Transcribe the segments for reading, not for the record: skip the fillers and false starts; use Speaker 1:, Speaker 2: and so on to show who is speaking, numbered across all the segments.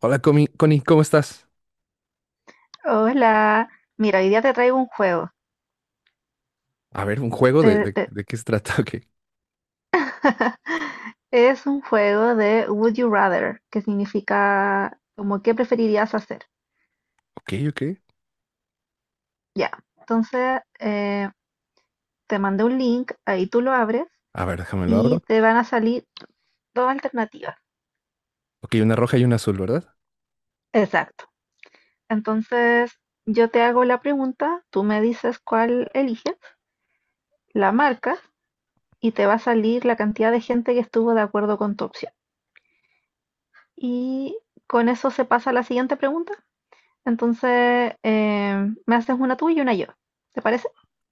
Speaker 1: Hola, Connie, ¿cómo estás?
Speaker 2: Hola, mira, hoy día te traigo un juego.
Speaker 1: A ver, un juego de,
Speaker 2: Te- te-
Speaker 1: de qué se trata.
Speaker 2: es un juego de Would You Rather, que significa como qué preferirías hacer.
Speaker 1: Ok, ok, ok.
Speaker 2: Ya, entonces te mandé un link, ahí tú lo abres
Speaker 1: A ver, déjame lo
Speaker 2: y
Speaker 1: abro.
Speaker 2: te van a salir dos alternativas.
Speaker 1: Ok, una roja y una azul, ¿verdad?
Speaker 2: Exacto. Entonces, yo te hago la pregunta, tú me dices cuál eliges, la marcas y te va a salir la cantidad de gente que estuvo de acuerdo con tu opción. Y con eso se pasa a la siguiente pregunta. Entonces, me haces una tú y una yo. ¿Te parece?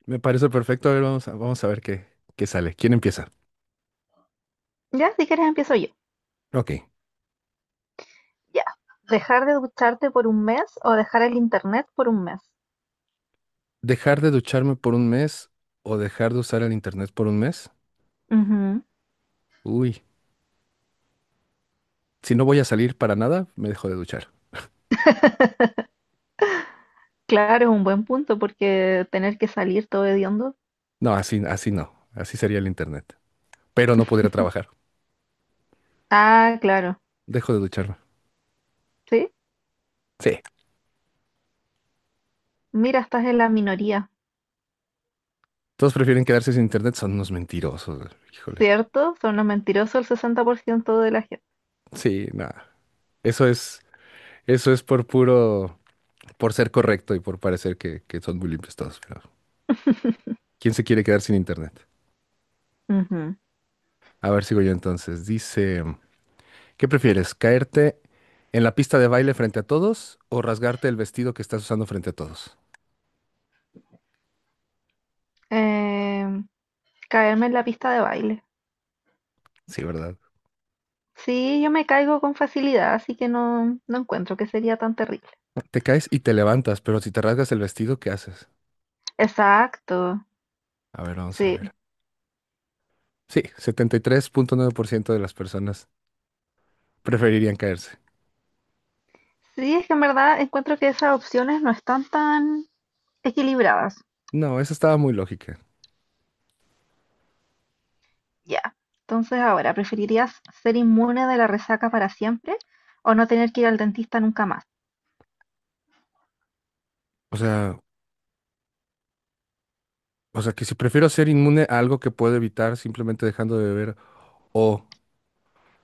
Speaker 1: Me parece perfecto. A ver, vamos a ver qué sale. ¿Quién empieza?
Speaker 2: Ya, si quieres empiezo yo.
Speaker 1: Ok.
Speaker 2: Ya. Dejar de ducharte por un mes o dejar el internet por un mes.
Speaker 1: ¿Dejar de ducharme por un mes o dejar de usar el internet por un mes?
Speaker 2: Ujú.
Speaker 1: Uy, si no voy a salir para nada, me dejo de duchar.
Speaker 2: Claro, es un buen punto porque tener que salir todo hediondo.
Speaker 1: No, así, así no. Así sería el internet. Pero no podría trabajar.
Speaker 2: Ah, claro.
Speaker 1: Dejo de ducharme.
Speaker 2: Sí.
Speaker 1: Sí.
Speaker 2: Mira, estás en la minoría.
Speaker 1: Todos prefieren quedarse sin internet, son unos mentirosos. Híjole.
Speaker 2: ¿Cierto? Son los mentirosos el 60% de la gente.
Speaker 1: Sí, nada. Eso es. Eso es por puro, por ser correcto y por parecer que son muy limpios todos, pero ¿quién se quiere quedar sin internet?
Speaker 2: Ujú.
Speaker 1: A ver, sigo yo entonces. Dice, ¿qué prefieres? ¿Caerte en la pista de baile frente a todos o rasgarte el vestido que estás usando frente a todos?
Speaker 2: Em, caerme en la pista de baile.
Speaker 1: Sí, ¿verdad?
Speaker 2: Sí, yo me caigo con facilidad, así que no, no encuentro que sería tan terrible.
Speaker 1: Te caes y te levantas, pero si te rasgas el vestido, ¿qué haces?
Speaker 2: Exacto.
Speaker 1: A ver, vamos a
Speaker 2: Sí,
Speaker 1: ver. Sí, 73.9% de las personas preferirían caerse.
Speaker 2: sí, es que en verdad encuentro que esas opciones no están tan equilibradas.
Speaker 1: No, esa estaba muy lógica.
Speaker 2: Ya. Entonces, ahora, ¿preferirías ser inmune de la resaca para siempre o no tener que ir al dentista nunca más?
Speaker 1: O sea, o sea que si prefiero ser inmune a algo que puedo evitar simplemente dejando de beber, o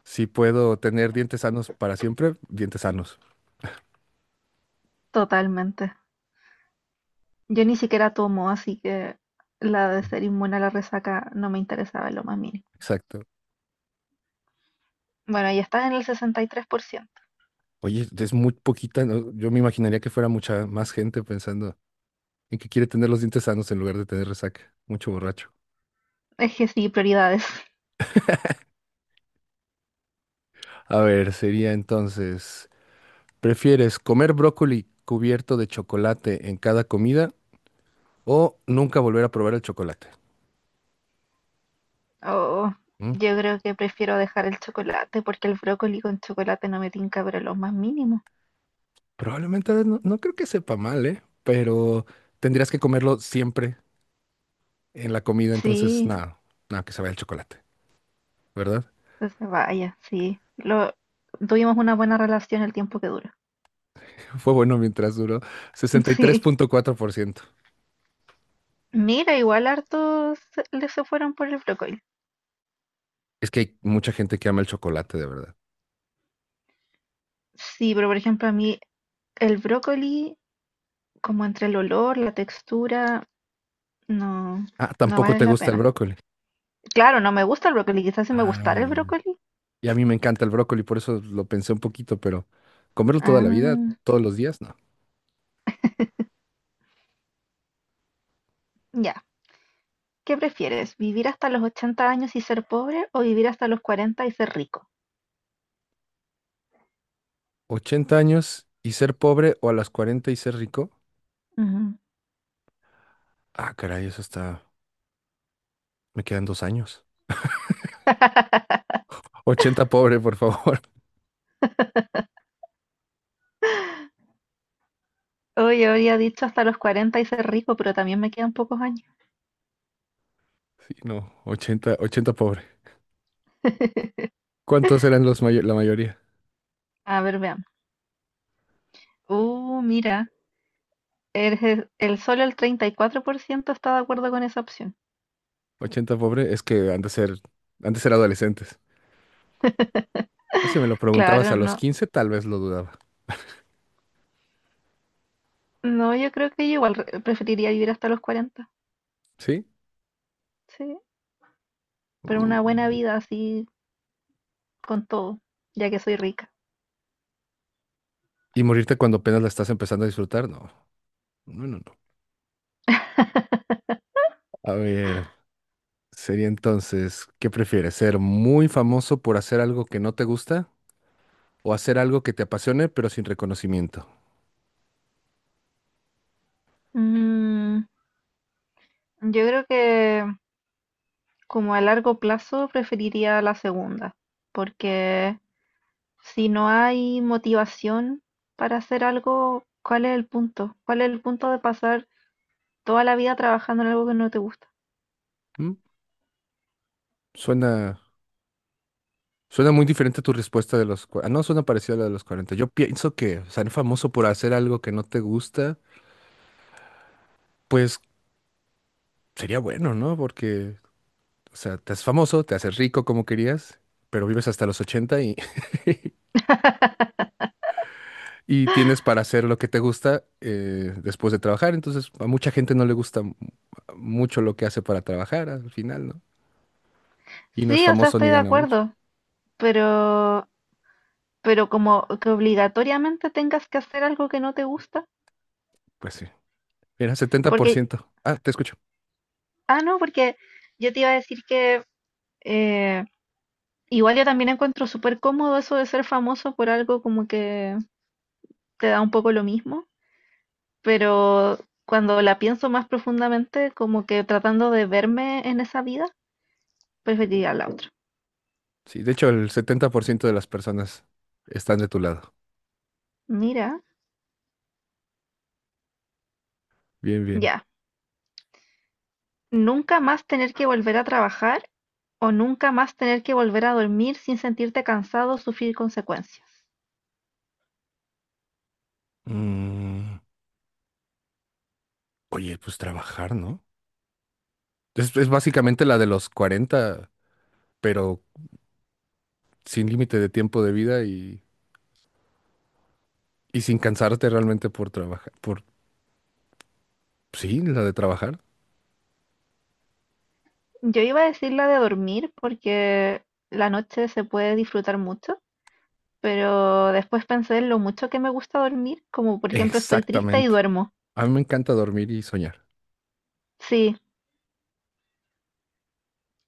Speaker 1: si puedo tener dientes sanos para siempre, dientes sanos.
Speaker 2: Totalmente. Yo ni siquiera tomo, así que la de ser inmune a la resaca no me interesaba en lo más mínimo.
Speaker 1: Exacto.
Speaker 2: Bueno, ya está en el 63%.
Speaker 1: Oye, es muy poquita, ¿no? Yo me imaginaría que fuera mucha más gente pensando en que quiere tener los dientes sanos en lugar de tener resaca. Mucho borracho.
Speaker 2: Es que sí, prioridades.
Speaker 1: A ver, sería entonces, ¿prefieres comer brócoli cubierto de chocolate en cada comida o nunca volver a probar el chocolate?
Speaker 2: Oh,
Speaker 1: ¿Mm?
Speaker 2: yo creo que prefiero dejar el chocolate porque el brócoli con chocolate no me tinca, pero lo más mínimo.
Speaker 1: Probablemente no, no creo que sepa mal, ¿eh? Pero tendrías que comerlo siempre en la comida, entonces
Speaker 2: Sí.
Speaker 1: nada, nada, que se vaya el chocolate, ¿verdad?
Speaker 2: Que se vaya, sí. Lo, tuvimos una buena relación el tiempo que dura.
Speaker 1: Fue bueno mientras duró.
Speaker 2: Sí.
Speaker 1: 63.4%.
Speaker 2: Mira, igual hartos le se fueron por el brócoli.
Speaker 1: Es que hay mucha gente que ama el chocolate, de verdad.
Speaker 2: Sí, pero por ejemplo a mí el brócoli, como entre el olor, la textura, no,
Speaker 1: Ah,
Speaker 2: no
Speaker 1: tampoco
Speaker 2: vale
Speaker 1: te
Speaker 2: la
Speaker 1: gusta el
Speaker 2: pena.
Speaker 1: brócoli.
Speaker 2: Claro, no me gusta el brócoli, quizás si me
Speaker 1: Ah,
Speaker 2: gustara el
Speaker 1: ya.
Speaker 2: brócoli.
Speaker 1: Y a mí me encanta el brócoli, por eso lo pensé un poquito, pero comerlo toda la vida,
Speaker 2: Ah,
Speaker 1: todos los días, no.
Speaker 2: ya. ¿Qué prefieres? ¿Vivir hasta los 80 años y ser pobre o vivir hasta los 40 y ser rico?
Speaker 1: 80 años y ser pobre o a las 40 y ser rico.
Speaker 2: Ujú.
Speaker 1: Ah, caray, eso está. Me quedan 2 años. 80 pobre, por favor.
Speaker 2: Hoy habría dicho hasta los 40 y ser rico, pero también me quedan pocos años.
Speaker 1: Sí, no, 80, 80 pobre. ¿Cuántos eran los la mayoría?
Speaker 2: A ver, veamos. Mira, solo el 34% está de acuerdo con esa opción.
Speaker 1: 80 pobre es que han de ser, adolescentes. Ah, si me lo preguntabas a
Speaker 2: Claro,
Speaker 1: los
Speaker 2: no.
Speaker 1: 15, tal vez lo dudaba,
Speaker 2: No, yo creo que yo igual preferiría vivir hasta los 40.
Speaker 1: ¿sí?
Speaker 2: Sí, pero una buena
Speaker 1: Mm,
Speaker 2: vida así con todo, ya que soy rica.
Speaker 1: Y morirte cuando apenas la estás empezando a disfrutar, no. No, no, no. A ver, sería entonces, ¿qué prefieres? ¿Ser muy famoso por hacer algo que no te gusta o hacer algo que te apasione pero sin reconocimiento?
Speaker 2: Mm, yo creo que como a largo plazo preferiría la segunda, porque si no hay motivación para hacer algo, ¿cuál es el punto? ¿Cuál es el punto de pasar toda la vida trabajando en algo que no te gusta?
Speaker 1: ¿Mm? Suena, suena muy diferente tu respuesta de Ah, no, suena parecida a la de los 40. Yo pienso que ser famoso por hacer algo que no te gusta, pues sería bueno, ¿no? Porque, o sea, te haces famoso, te haces rico como querías, pero vives hasta los 80, y tienes para hacer lo que te gusta, después de trabajar. Entonces, a mucha gente no le gusta mucho lo que hace para trabajar al final, ¿no? Y no es
Speaker 2: Sí, o sea,
Speaker 1: famoso ni
Speaker 2: estoy de
Speaker 1: gana mucho.
Speaker 2: acuerdo, pero, pero como que obligatoriamente tengas que hacer algo que no te gusta,
Speaker 1: Pues sí. Era setenta por
Speaker 2: porque,
Speaker 1: ciento Ah, te escucho.
Speaker 2: ah, no, porque yo te iba a decir que eh, igual yo también encuentro súper cómodo eso de ser famoso por algo como que te da un poco lo mismo, pero cuando la pienso más profundamente, como que tratando de verme en esa vida, preferiría la otra.
Speaker 1: Sí, de hecho, el 70% de las personas están de tu lado.
Speaker 2: Mira,
Speaker 1: Bien, bien.
Speaker 2: ya. ¿Nunca más tener que volver a trabajar? ¿O nunca más tener que volver a dormir sin sentirte cansado o sufrir consecuencias?
Speaker 1: Mm, Oye, pues trabajar, ¿no? Es básicamente la de los 40, pero sin límite de tiempo de vida y sin cansarte realmente por trabajar. Sí, la de trabajar.
Speaker 2: Yo iba a decir la de dormir porque la noche se puede disfrutar mucho, pero después pensé en lo mucho que me gusta dormir, como por ejemplo estoy triste y
Speaker 1: Exactamente.
Speaker 2: duermo.
Speaker 1: A mí me encanta dormir y soñar,
Speaker 2: Sí,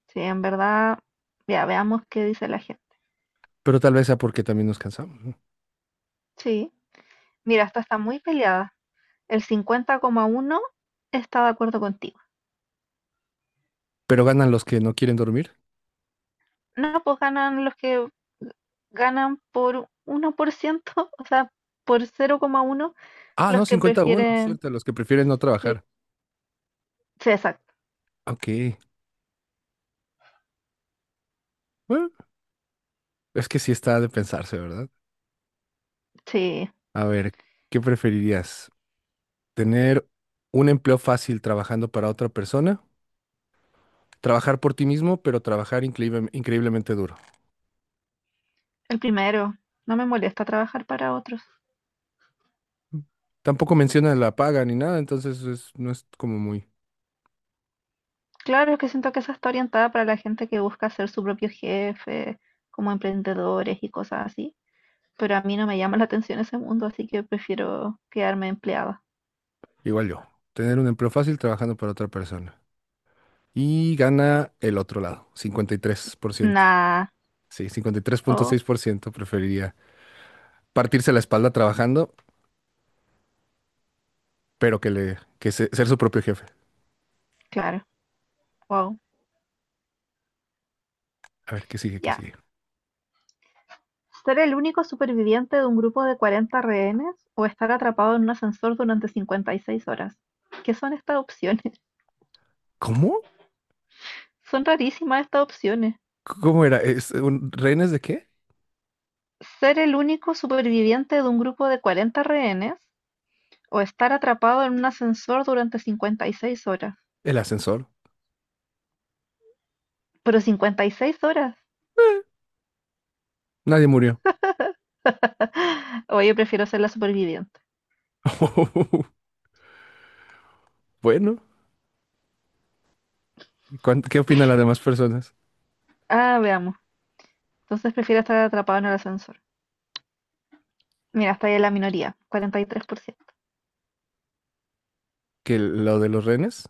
Speaker 2: sí, en verdad, ya veamos qué dice la gente.
Speaker 1: pero tal vez sea porque también nos cansamos, ¿no?
Speaker 2: Sí, mira, esta está muy peleada. El 50,1 está de acuerdo contigo.
Speaker 1: Pero ganan los que no quieren dormir.
Speaker 2: No, pues ganan los que ganan por 1%, o sea, por 0,1
Speaker 1: Ah,
Speaker 2: los
Speaker 1: no,
Speaker 2: que
Speaker 1: cincuenta a uno,
Speaker 2: prefieren.
Speaker 1: cierto, los que prefieren no
Speaker 2: Sí,
Speaker 1: trabajar.
Speaker 2: sí, exacto.
Speaker 1: Ok. Bueno, es que sí está de pensarse, ¿verdad?
Speaker 2: Sí,
Speaker 1: A ver, ¿qué preferirías? ¿Tener un empleo fácil trabajando para otra persona? ¿Trabajar por ti mismo, pero trabajar increíblemente duro?
Speaker 2: el primero. No me molesta trabajar para otros.
Speaker 1: Mm. Tampoco menciona la paga ni nada, entonces no es como muy...
Speaker 2: Claro, es que siento que esa está orientada para la gente que busca ser su propio jefe, como emprendedores y cosas así. Pero a mí no me llama la atención ese mundo, así que prefiero quedarme empleada.
Speaker 1: Igual yo. Tener un empleo fácil trabajando para otra persona. Y gana el otro lado, 53%.
Speaker 2: Nah.
Speaker 1: Sí, cincuenta y tres punto
Speaker 2: Oh,
Speaker 1: seis por ciento preferiría partirse la espalda trabajando, pero que le que se- ser su propio jefe.
Speaker 2: claro. Wow.
Speaker 1: A ver, ¿qué sigue? ¿Qué
Speaker 2: Ya.
Speaker 1: sigue?
Speaker 2: ¿Ser el único superviviente de un grupo de 40 rehenes o estar atrapado en un ascensor durante 56 horas? ¿Qué son estas opciones?
Speaker 1: ¿Cómo?
Speaker 2: Son rarísimas estas opciones.
Speaker 1: ¿Cómo era? ¿Es rehenes de qué?
Speaker 2: ¿Ser el único superviviente de un grupo de 40 rehenes o estar atrapado en un ascensor durante 56 horas?
Speaker 1: El ascensor.
Speaker 2: Pero 56 horas.
Speaker 1: Eh, Nadie murió.
Speaker 2: Oye, prefiero ser la superviviente.
Speaker 1: Bueno, ¿qué opinan las demás personas?
Speaker 2: Ah, veamos. Entonces prefiero estar atrapado en el ascensor. Mira, está ahí en la minoría, 43%.
Speaker 1: Que lo de los rehenes,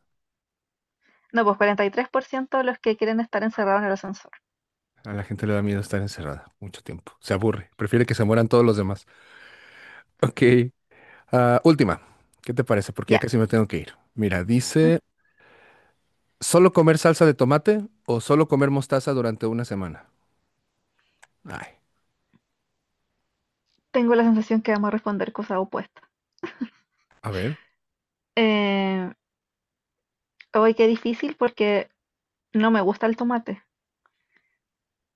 Speaker 2: No, pues 43% de los que quieren estar encerrados en el ascensor.
Speaker 1: a la gente le da miedo estar encerrada mucho tiempo. Se aburre, prefiere que se mueran todos los demás. Ok, última. ¿Qué te parece? Porque ya
Speaker 2: Ya,
Speaker 1: casi me tengo que ir. Mira,
Speaker 2: ujú.
Speaker 1: dice: ¿solo comer salsa de tomate o solo comer mostaza durante una semana? Ay,
Speaker 2: Tengo la sensación que vamos a responder cosas opuestas.
Speaker 1: a ver,
Speaker 2: Eh, hoy qué difícil porque no me gusta el tomate,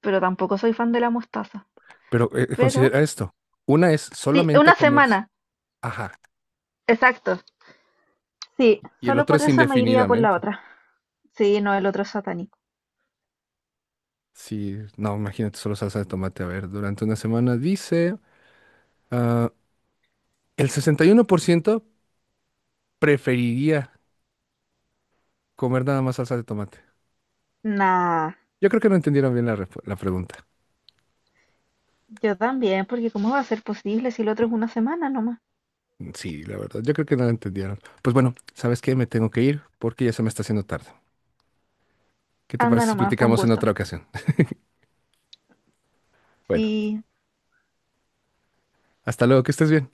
Speaker 2: pero tampoco soy fan de la mostaza.
Speaker 1: pero
Speaker 2: Pero,
Speaker 1: considera esto. Una es
Speaker 2: sí,
Speaker 1: solamente
Speaker 2: una
Speaker 1: comer,
Speaker 2: semana,
Speaker 1: ajá,
Speaker 2: exacto. Sí,
Speaker 1: y el
Speaker 2: solo
Speaker 1: otro
Speaker 2: por
Speaker 1: es
Speaker 2: eso me iría por la
Speaker 1: indefinidamente.
Speaker 2: otra. Sí, no, el otro es satánico.
Speaker 1: Sí, no, imagínate solo salsa de tomate, a ver, durante una semana dice, ah, el 61% preferiría comer nada más salsa de tomate.
Speaker 2: Nah,
Speaker 1: Yo creo que no entendieron bien la pregunta.
Speaker 2: yo también, porque ¿cómo va a ser posible si el otro es una semana nomás?
Speaker 1: Sí, la verdad, yo creo que no la entendieron. Pues bueno, ¿sabes qué? Me tengo que ir porque ya se me está haciendo tarde. ¿Qué te
Speaker 2: Anda
Speaker 1: parece si
Speaker 2: nomás, fue un
Speaker 1: platicamos en
Speaker 2: gusto.
Speaker 1: otra ocasión? Bueno.
Speaker 2: Sí,
Speaker 1: Hasta luego, que estés bien.